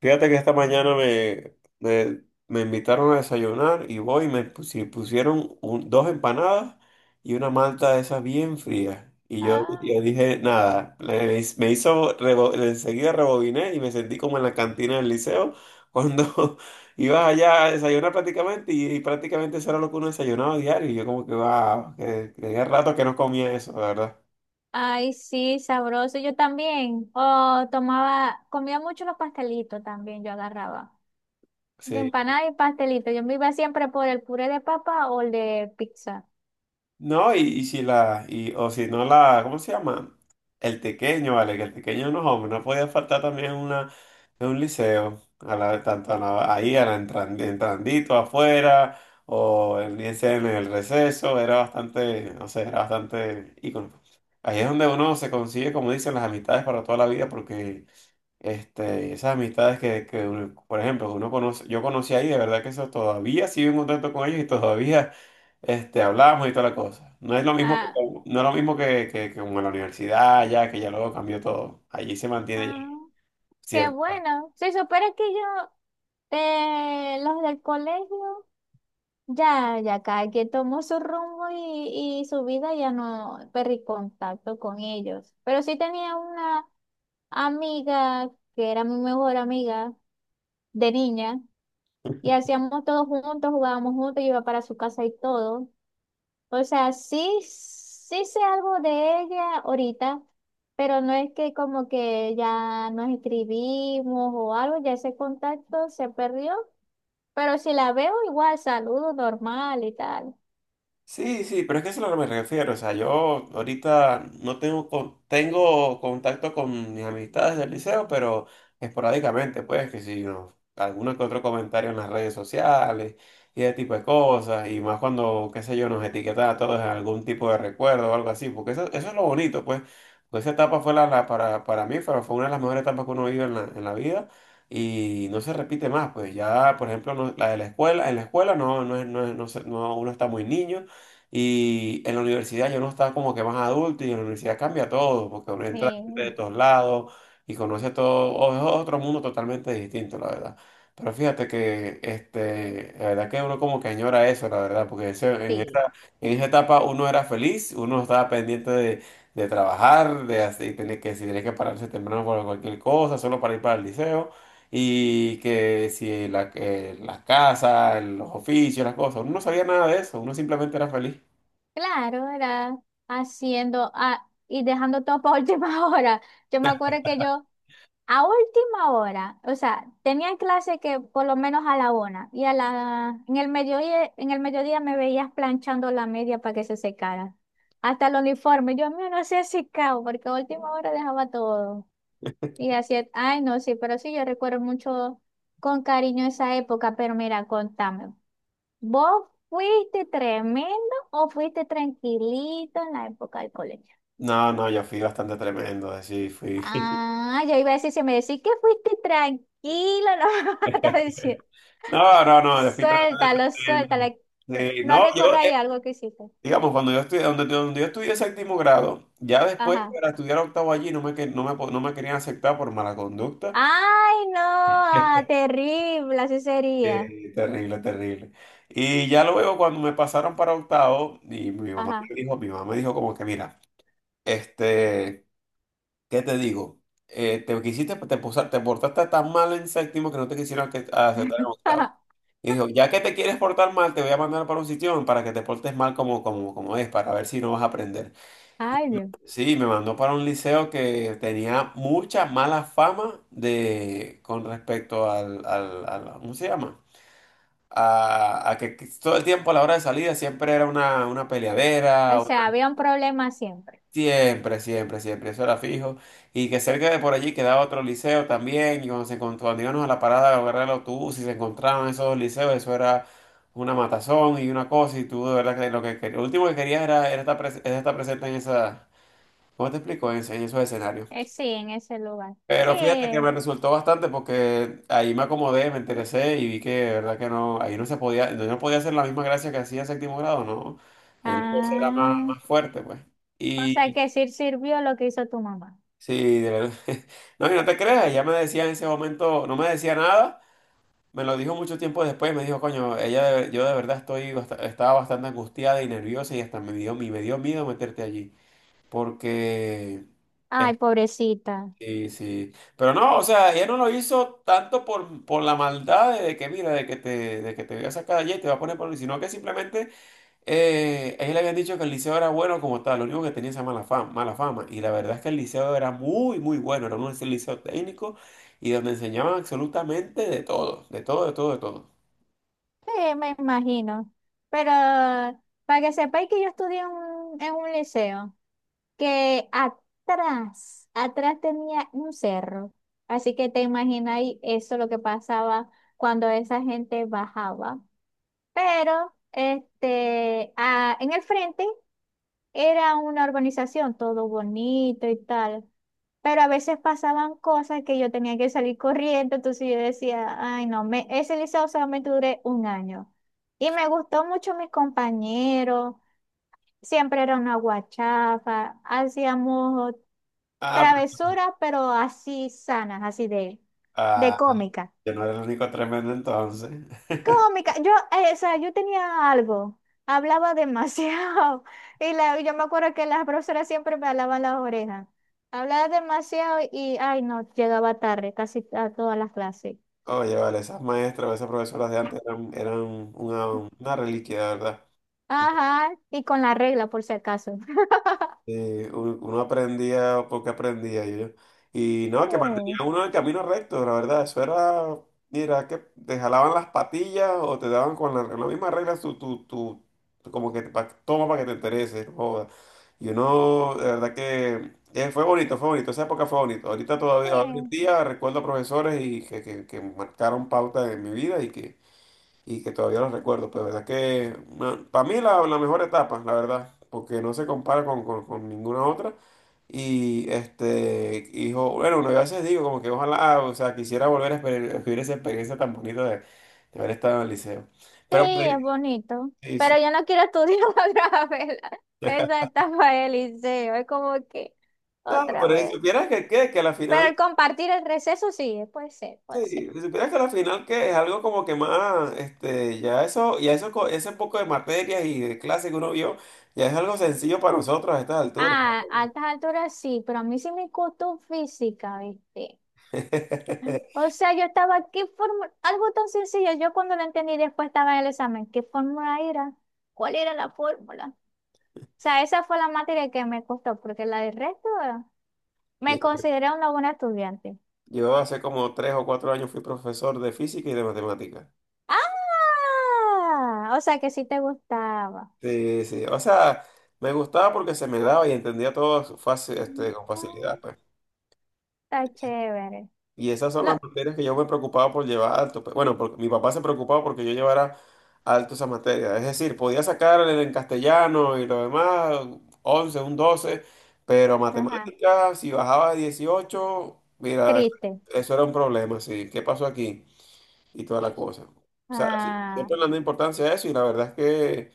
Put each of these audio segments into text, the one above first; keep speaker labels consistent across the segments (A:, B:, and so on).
A: Fíjate que esta mañana me invitaron a desayunar y voy y me pusieron dos empanadas y una malta de esas bien fría. Y yo,
B: Ah,
A: yo dije, nada, me hizo, enseguida rebobiné y me sentí como en la cantina del liceo cuando ibas allá a desayunar prácticamente y prácticamente eso era lo que uno desayunaba diario. Y yo como que, wow, que tenía rato que no comía eso, la verdad.
B: ay, sí, sabroso. Yo también. Oh, tomaba, comía mucho los pastelitos también, yo agarraba. De
A: Sí.
B: empanada y pastelito. Yo me iba siempre por el puré de papa o el de pizza.
A: No, y si la, y, o si no la, ¿cómo se llama? El tequeño, vale, que el tequeño no, hombre, no podía faltar también una, en un liceo, a la, tanto ahí, a la entrandito afuera, o en, ya sea en el receso, era bastante, no sé, era bastante ícono. Ahí es donde uno se consigue, como dicen, las amistades para toda la vida, porque y esas amistades que por ejemplo, uno conoce, yo conocí ahí, de verdad que eso todavía sigo en contacto con ellos y todavía hablamos y toda la cosa. No es lo mismo que,
B: Ah,
A: no es lo mismo que como en la universidad, ya que ya luego cambió todo. Allí se
B: ah,
A: mantiene
B: qué
A: ya.
B: bueno. Si supera que yo, los del colegio, ya cada quien tomó su rumbo y su vida, ya no perdí contacto con ellos. Pero sí tenía una amiga que era mi mejor amiga de niña. Y hacíamos todos juntos, jugábamos juntos, yo iba para su casa y todo. O sea, sí, sí sé algo de ella ahorita, pero no es que como que ya nos escribimos o algo, ya ese contacto se perdió. Pero si la veo, igual saludo normal y tal.
A: Sí, sí, pero es que eso es lo que me refiero. O sea, yo ahorita no tengo, tengo contacto con mis amistades del liceo, pero esporádicamente, pues, que si no, alguno que otro comentario en las redes sociales y ese tipo de cosas, y más cuando, qué sé yo, nos etiquetaba a todos en algún tipo de recuerdo o algo así, porque eso es lo bonito, pues, porque esa etapa fue la, para mí, fue una de las mejores etapas que uno vive en la vida. Y no se repite más, pues ya, por ejemplo, la de la escuela, en la escuela no, no, no, no, no, uno está muy niño, y en la universidad yo no estaba como que más adulto y en la universidad cambia todo, porque uno entra gente de
B: Sí,
A: todos lados y conoce a todo, es otro mundo totalmente distinto, la verdad. Pero fíjate que la verdad que uno como que añora eso, la verdad, porque
B: sí.
A: en esa etapa uno era feliz, uno estaba pendiente de trabajar, de así, tener que, si tenía que pararse temprano por cualquier cosa, solo para ir para el liceo. Y que si la, las casas, los oficios, las cosas, uno no sabía nada de eso, uno simplemente era feliz.
B: Claro, era haciendo y dejando todo para última hora. Yo me acuerdo que yo, a última hora, o sea, tenía clase que por lo menos a la una y a la en el mediodía me veías planchando la media para que se secara. Hasta el uniforme, yo mío no sé secado porque a última hora dejaba todo. Y así, es. Ay no, sí, pero sí, yo recuerdo mucho con cariño esa época, pero mira, contame, ¿vos fuiste tremendo o fuiste tranquilito en la época del colegio?
A: No, no, yo fui bastante tremendo, así fui.
B: Ah, yo iba a decir, si me decís que fuiste tranquilo, no vas a decir,
A: No, no, no, yo fui bastante
B: suéltalo,
A: tremendo.
B: suéltalo. No,
A: Sí,
B: no
A: no, yo,
B: recordáis algo que hiciste.
A: digamos, cuando yo estudié, donde yo estudié séptimo grado, ya después
B: Ajá.
A: para estudiar octavo allí no me, no me, no me querían aceptar por mala conducta.
B: Ay, no, ah, terrible, así sería.
A: Terrible, terrible. Y ya luego cuando me pasaron para octavo, y mi mamá
B: Ajá.
A: me dijo, mi mamá me dijo como que, mira, este, ¿qué te digo? Te quisiste, te, te portaste tan mal en séptimo que no te quisieron aceptar en octavo. Y dijo, ya que te quieres portar mal, te voy a mandar para un sitio para que te portes mal como es, para ver si no vas a aprender. Y
B: Ay, Dios.
A: sí, me mandó para un liceo que tenía mucha mala fama de, con respecto ¿cómo se llama? A que todo el tiempo a la hora de salida siempre era una peleadera.
B: O sea, había un problema siempre.
A: Siempre, siempre, siempre, eso era fijo. Y que cerca de por allí quedaba otro liceo también. Y cuando se encontró, cuando íbamos a la parada a agarrar el autobús y se encontraban esos dos liceos, eso era una matazón y una cosa. Y tú, de verdad, que lo que, lo último que querías era, era estar presente en esa. ¿Cómo te explico? En esos escenarios.
B: Sí, en ese lugar. Sí.
A: Pero fíjate que me resultó bastante porque ahí me acomodé, me interesé y vi que, de verdad, que no. Ahí no se podía, no podía hacer la misma gracia que hacía en séptimo grado, ¿no? Ahí la cosa era más,
B: Ah,
A: más fuerte, pues.
B: o sea que sí sirvió lo que hizo tu mamá.
A: Sí, de verdad. No, y no te creas, ella me decía en ese momento, no me decía nada, me lo dijo mucho tiempo después, me dijo, coño, yo de verdad estaba bastante angustiada y nerviosa y hasta me dio miedo meterte allí, porque,
B: Ay,
A: eh,
B: pobrecita.
A: sí, sí, pero no, o sea, ella no lo hizo tanto por la maldad de que, mira, de que te voy a sacar de allí y te va a poner por, sino que simplemente a él le habían dicho que el liceo era bueno como tal, lo único que tenía esa mala fama, mala fama. Y la verdad es que el liceo era muy, muy bueno, era un liceo técnico y donde enseñaban absolutamente de todo, de todo, de todo, de todo.
B: Sí, me imagino. Pero para que sepáis que yo estudié en un liceo, que atrás, atrás tenía un cerro. Así que te imagináis eso lo que pasaba cuando esa gente bajaba. Pero este, a- en el frente era una urbanización, todo bonito y tal. Pero a veces pasaban cosas que yo tenía que salir corriendo, entonces yo decía, ay no, me, ese liceo solamente duré un año. Y me gustó mucho mis compañeros, siempre era una guachafa, hacíamos
A: Ah,
B: travesuras, pero así sanas, así de
A: ah,
B: cómica.
A: yo no era el único tremendo entonces.
B: Cómica, yo, o sea, yo tenía algo, hablaba demasiado y la, yo me acuerdo que las profesoras siempre me alaban las orejas. Hablaba demasiado y, ay no, llegaba tarde casi a todas las clases.
A: Oye, vale, esas maestras o esas profesoras de antes eran una reliquia, de verdad.
B: Ajá, y con la regla por si acaso.
A: Uno aprendía porque aprendía y yo. Y no,
B: Sí,
A: que mantenía uno el camino recto, la verdad. Eso era, mira, que te jalaban las patillas o te daban con la misma regla, como que toma para que te interese. No joda. Y uno, de verdad que fue bonito, fue bonito. Esa época fue bonito. Ahorita todavía, hoy en
B: sí,
A: día recuerdo profesores y que marcaron pauta en mi vida y que todavía los recuerdo. Pues verdad que bueno, para mí la mejor etapa, la verdad, porque no se compara con ninguna otra. Y hijo, bueno, uno a veces digo como que ojalá, o sea, quisiera volver a vivir esa experiencia tan bonita de haber estado en el liceo.
B: sí,
A: Pero por ahí,
B: es bonito,
A: sí,
B: pero
A: sí.
B: yo no quiero estudiar otra vez la- esa etapa del liceo, es como que
A: No,
B: otra
A: pero si
B: vez.
A: supieras que a la
B: Pero
A: final,
B: el compartir el receso sí, puede ser, puede ser.
A: sí, si supieras que a la final que es algo como que más, ese poco de materias y de clases que uno vio, ya es algo sencillo para nosotros a estas alturas.
B: Ah, a altas alturas sí, pero a mí sí me costó física, ¿viste? O sea, yo estaba, ¿qué fórmula? Algo tan sencillo, yo cuando lo entendí después estaba en el examen, ¿qué fórmula era? ¿Cuál era la fórmula? O sea, esa fue la materia que me costó, porque la del resto
A: Sí.
B: me consideré una buena estudiante.
A: Yo hace como 3 o 4 años fui profesor de física y de matemáticas.
B: ¡Ah! O sea, que sí te gustaba.
A: Sí, sí. O sea, me gustaba porque se me daba y entendía todo fácil, con
B: Ah,
A: facilidad, pues.
B: está chévere.
A: Y esas son
B: No,
A: las materias que yo me preocupaba por llevar alto, pues. Bueno, porque mi papá se preocupaba porque yo llevara alto esa materia. Es decir, podía sacar en castellano y lo demás, 11 un 12, pero
B: ajá,
A: matemáticas, si bajaba de 18, mira,
B: triste.
A: eso era un problema, sí. ¿Qué pasó aquí? Y toda la cosa. O sea, sí,
B: Ah,
A: siempre le dan importancia a eso y la verdad es que,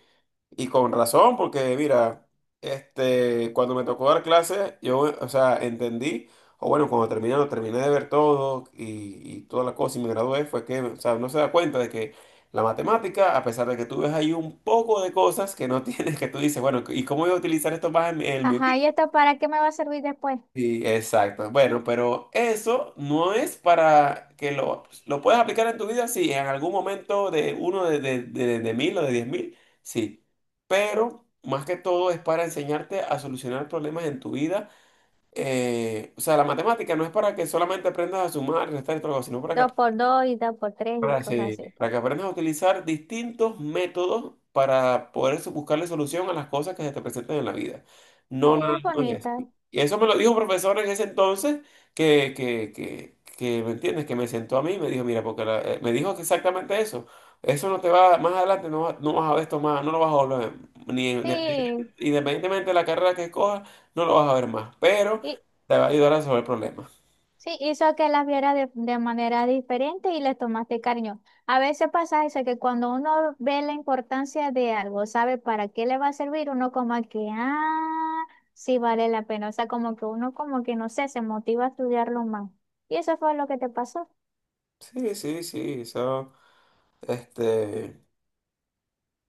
A: y con razón, porque mira, cuando me tocó dar clases, yo, o sea, entendí, o bueno, cuando terminé, lo terminé de ver todo y toda la cosa y me gradué, fue que, o sea, no se da cuenta de que la matemática, a pesar de que tú ves ahí un poco de cosas que no tienes, que tú dices, bueno, ¿y cómo voy a utilizar esto más en mi
B: ajá, ¿y esto para qué me va a servir después?
A: Sí, exacto. Bueno, pero eso no es para que lo puedes aplicar en tu vida, sí, en algún momento de uno de 1.000 o de 10.000, sí. Pero más que todo es para enseñarte a solucionar problemas en tu vida. O sea, la matemática no es para que solamente aprendas a sumar, restar y todo, sino para que
B: Dos por dos y dos por tres y cosas
A: sí,
B: así.
A: para que aprendas a utilizar distintos métodos para poder buscarle solución a las cosas que se te presentan en la vida.
B: Sí,
A: No, no,
B: es
A: no es eso.
B: bonita.
A: Y eso me lo dijo un profesor en ese entonces ¿me entiendes? Que me sentó a mí y me dijo, mira, porque me dijo que exactamente eso. Eso no te va, más adelante no, no vas a ver esto más, no lo vas a volver, a ver, ni
B: Sí,
A: independientemente de la carrera que cojas, no lo vas a ver más, pero
B: y,
A: te va a ayudar a resolver problemas.
B: sí, hizo que las viera de manera diferente y les tomaste cariño. A veces pasa eso, que cuando uno ve la importancia de algo, sabe para qué le va a servir, uno como que, ah, sí vale la pena. O sea, como que uno como que, no sé, se motiva a estudiarlo más. Y eso fue lo que te pasó.
A: Sí, sí, sí, eso. este...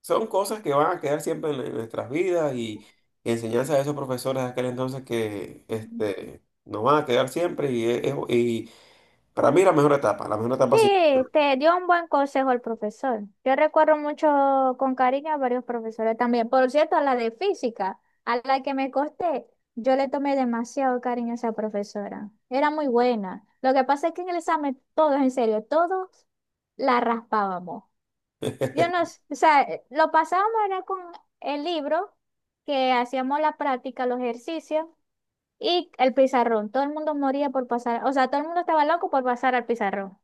A: Son cosas que van a quedar siempre en nuestras vidas y enseñanzas de esos profesores de aquel entonces que nos van a quedar siempre y para mí la mejor
B: Sí,
A: etapa sí.
B: te dio un buen consejo el profesor. Yo recuerdo mucho con cariño a varios profesores también. Por cierto, a la de física, a la que me costé, yo le tomé demasiado cariño a esa profesora. Era muy buena. Lo que pasa es que en el examen, todos, en serio, todos la raspábamos. Yo no, s- o sea, lo pasábamos era con el libro, que hacíamos la práctica, los ejercicios y el pizarrón. Todo el mundo moría por pasar, o sea, todo el mundo estaba loco por pasar al pizarrón,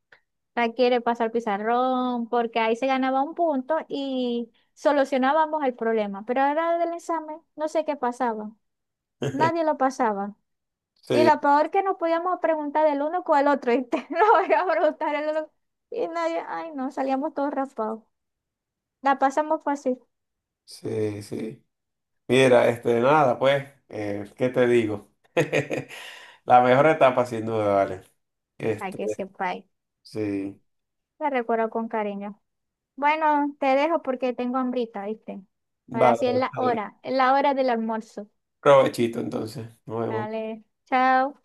B: la quiere pasar pizarrón, porque ahí se ganaba un punto y solucionábamos el problema. Pero ahora del examen, no sé qué pasaba. Nadie lo pasaba. Y
A: Sí,
B: lo peor que nos podíamos preguntar del uno con el otro. Y te lo voy a preguntar el otro. Y nadie, ay no, salíamos todos raspados. La pasamos fácil.
A: sí, sí. Mira, nada, pues, ¿qué te digo? La mejor etapa sin duda, vale.
B: Ay,
A: Este,
B: que sepa ahí.
A: sí.
B: La recuerdo con cariño. Bueno, te dejo porque tengo hambrita, ¿viste? Ahora
A: Vale,
B: sí
A: vale.
B: es la hora del almuerzo.
A: Provechito entonces. Nos vemos.
B: Vale, chao.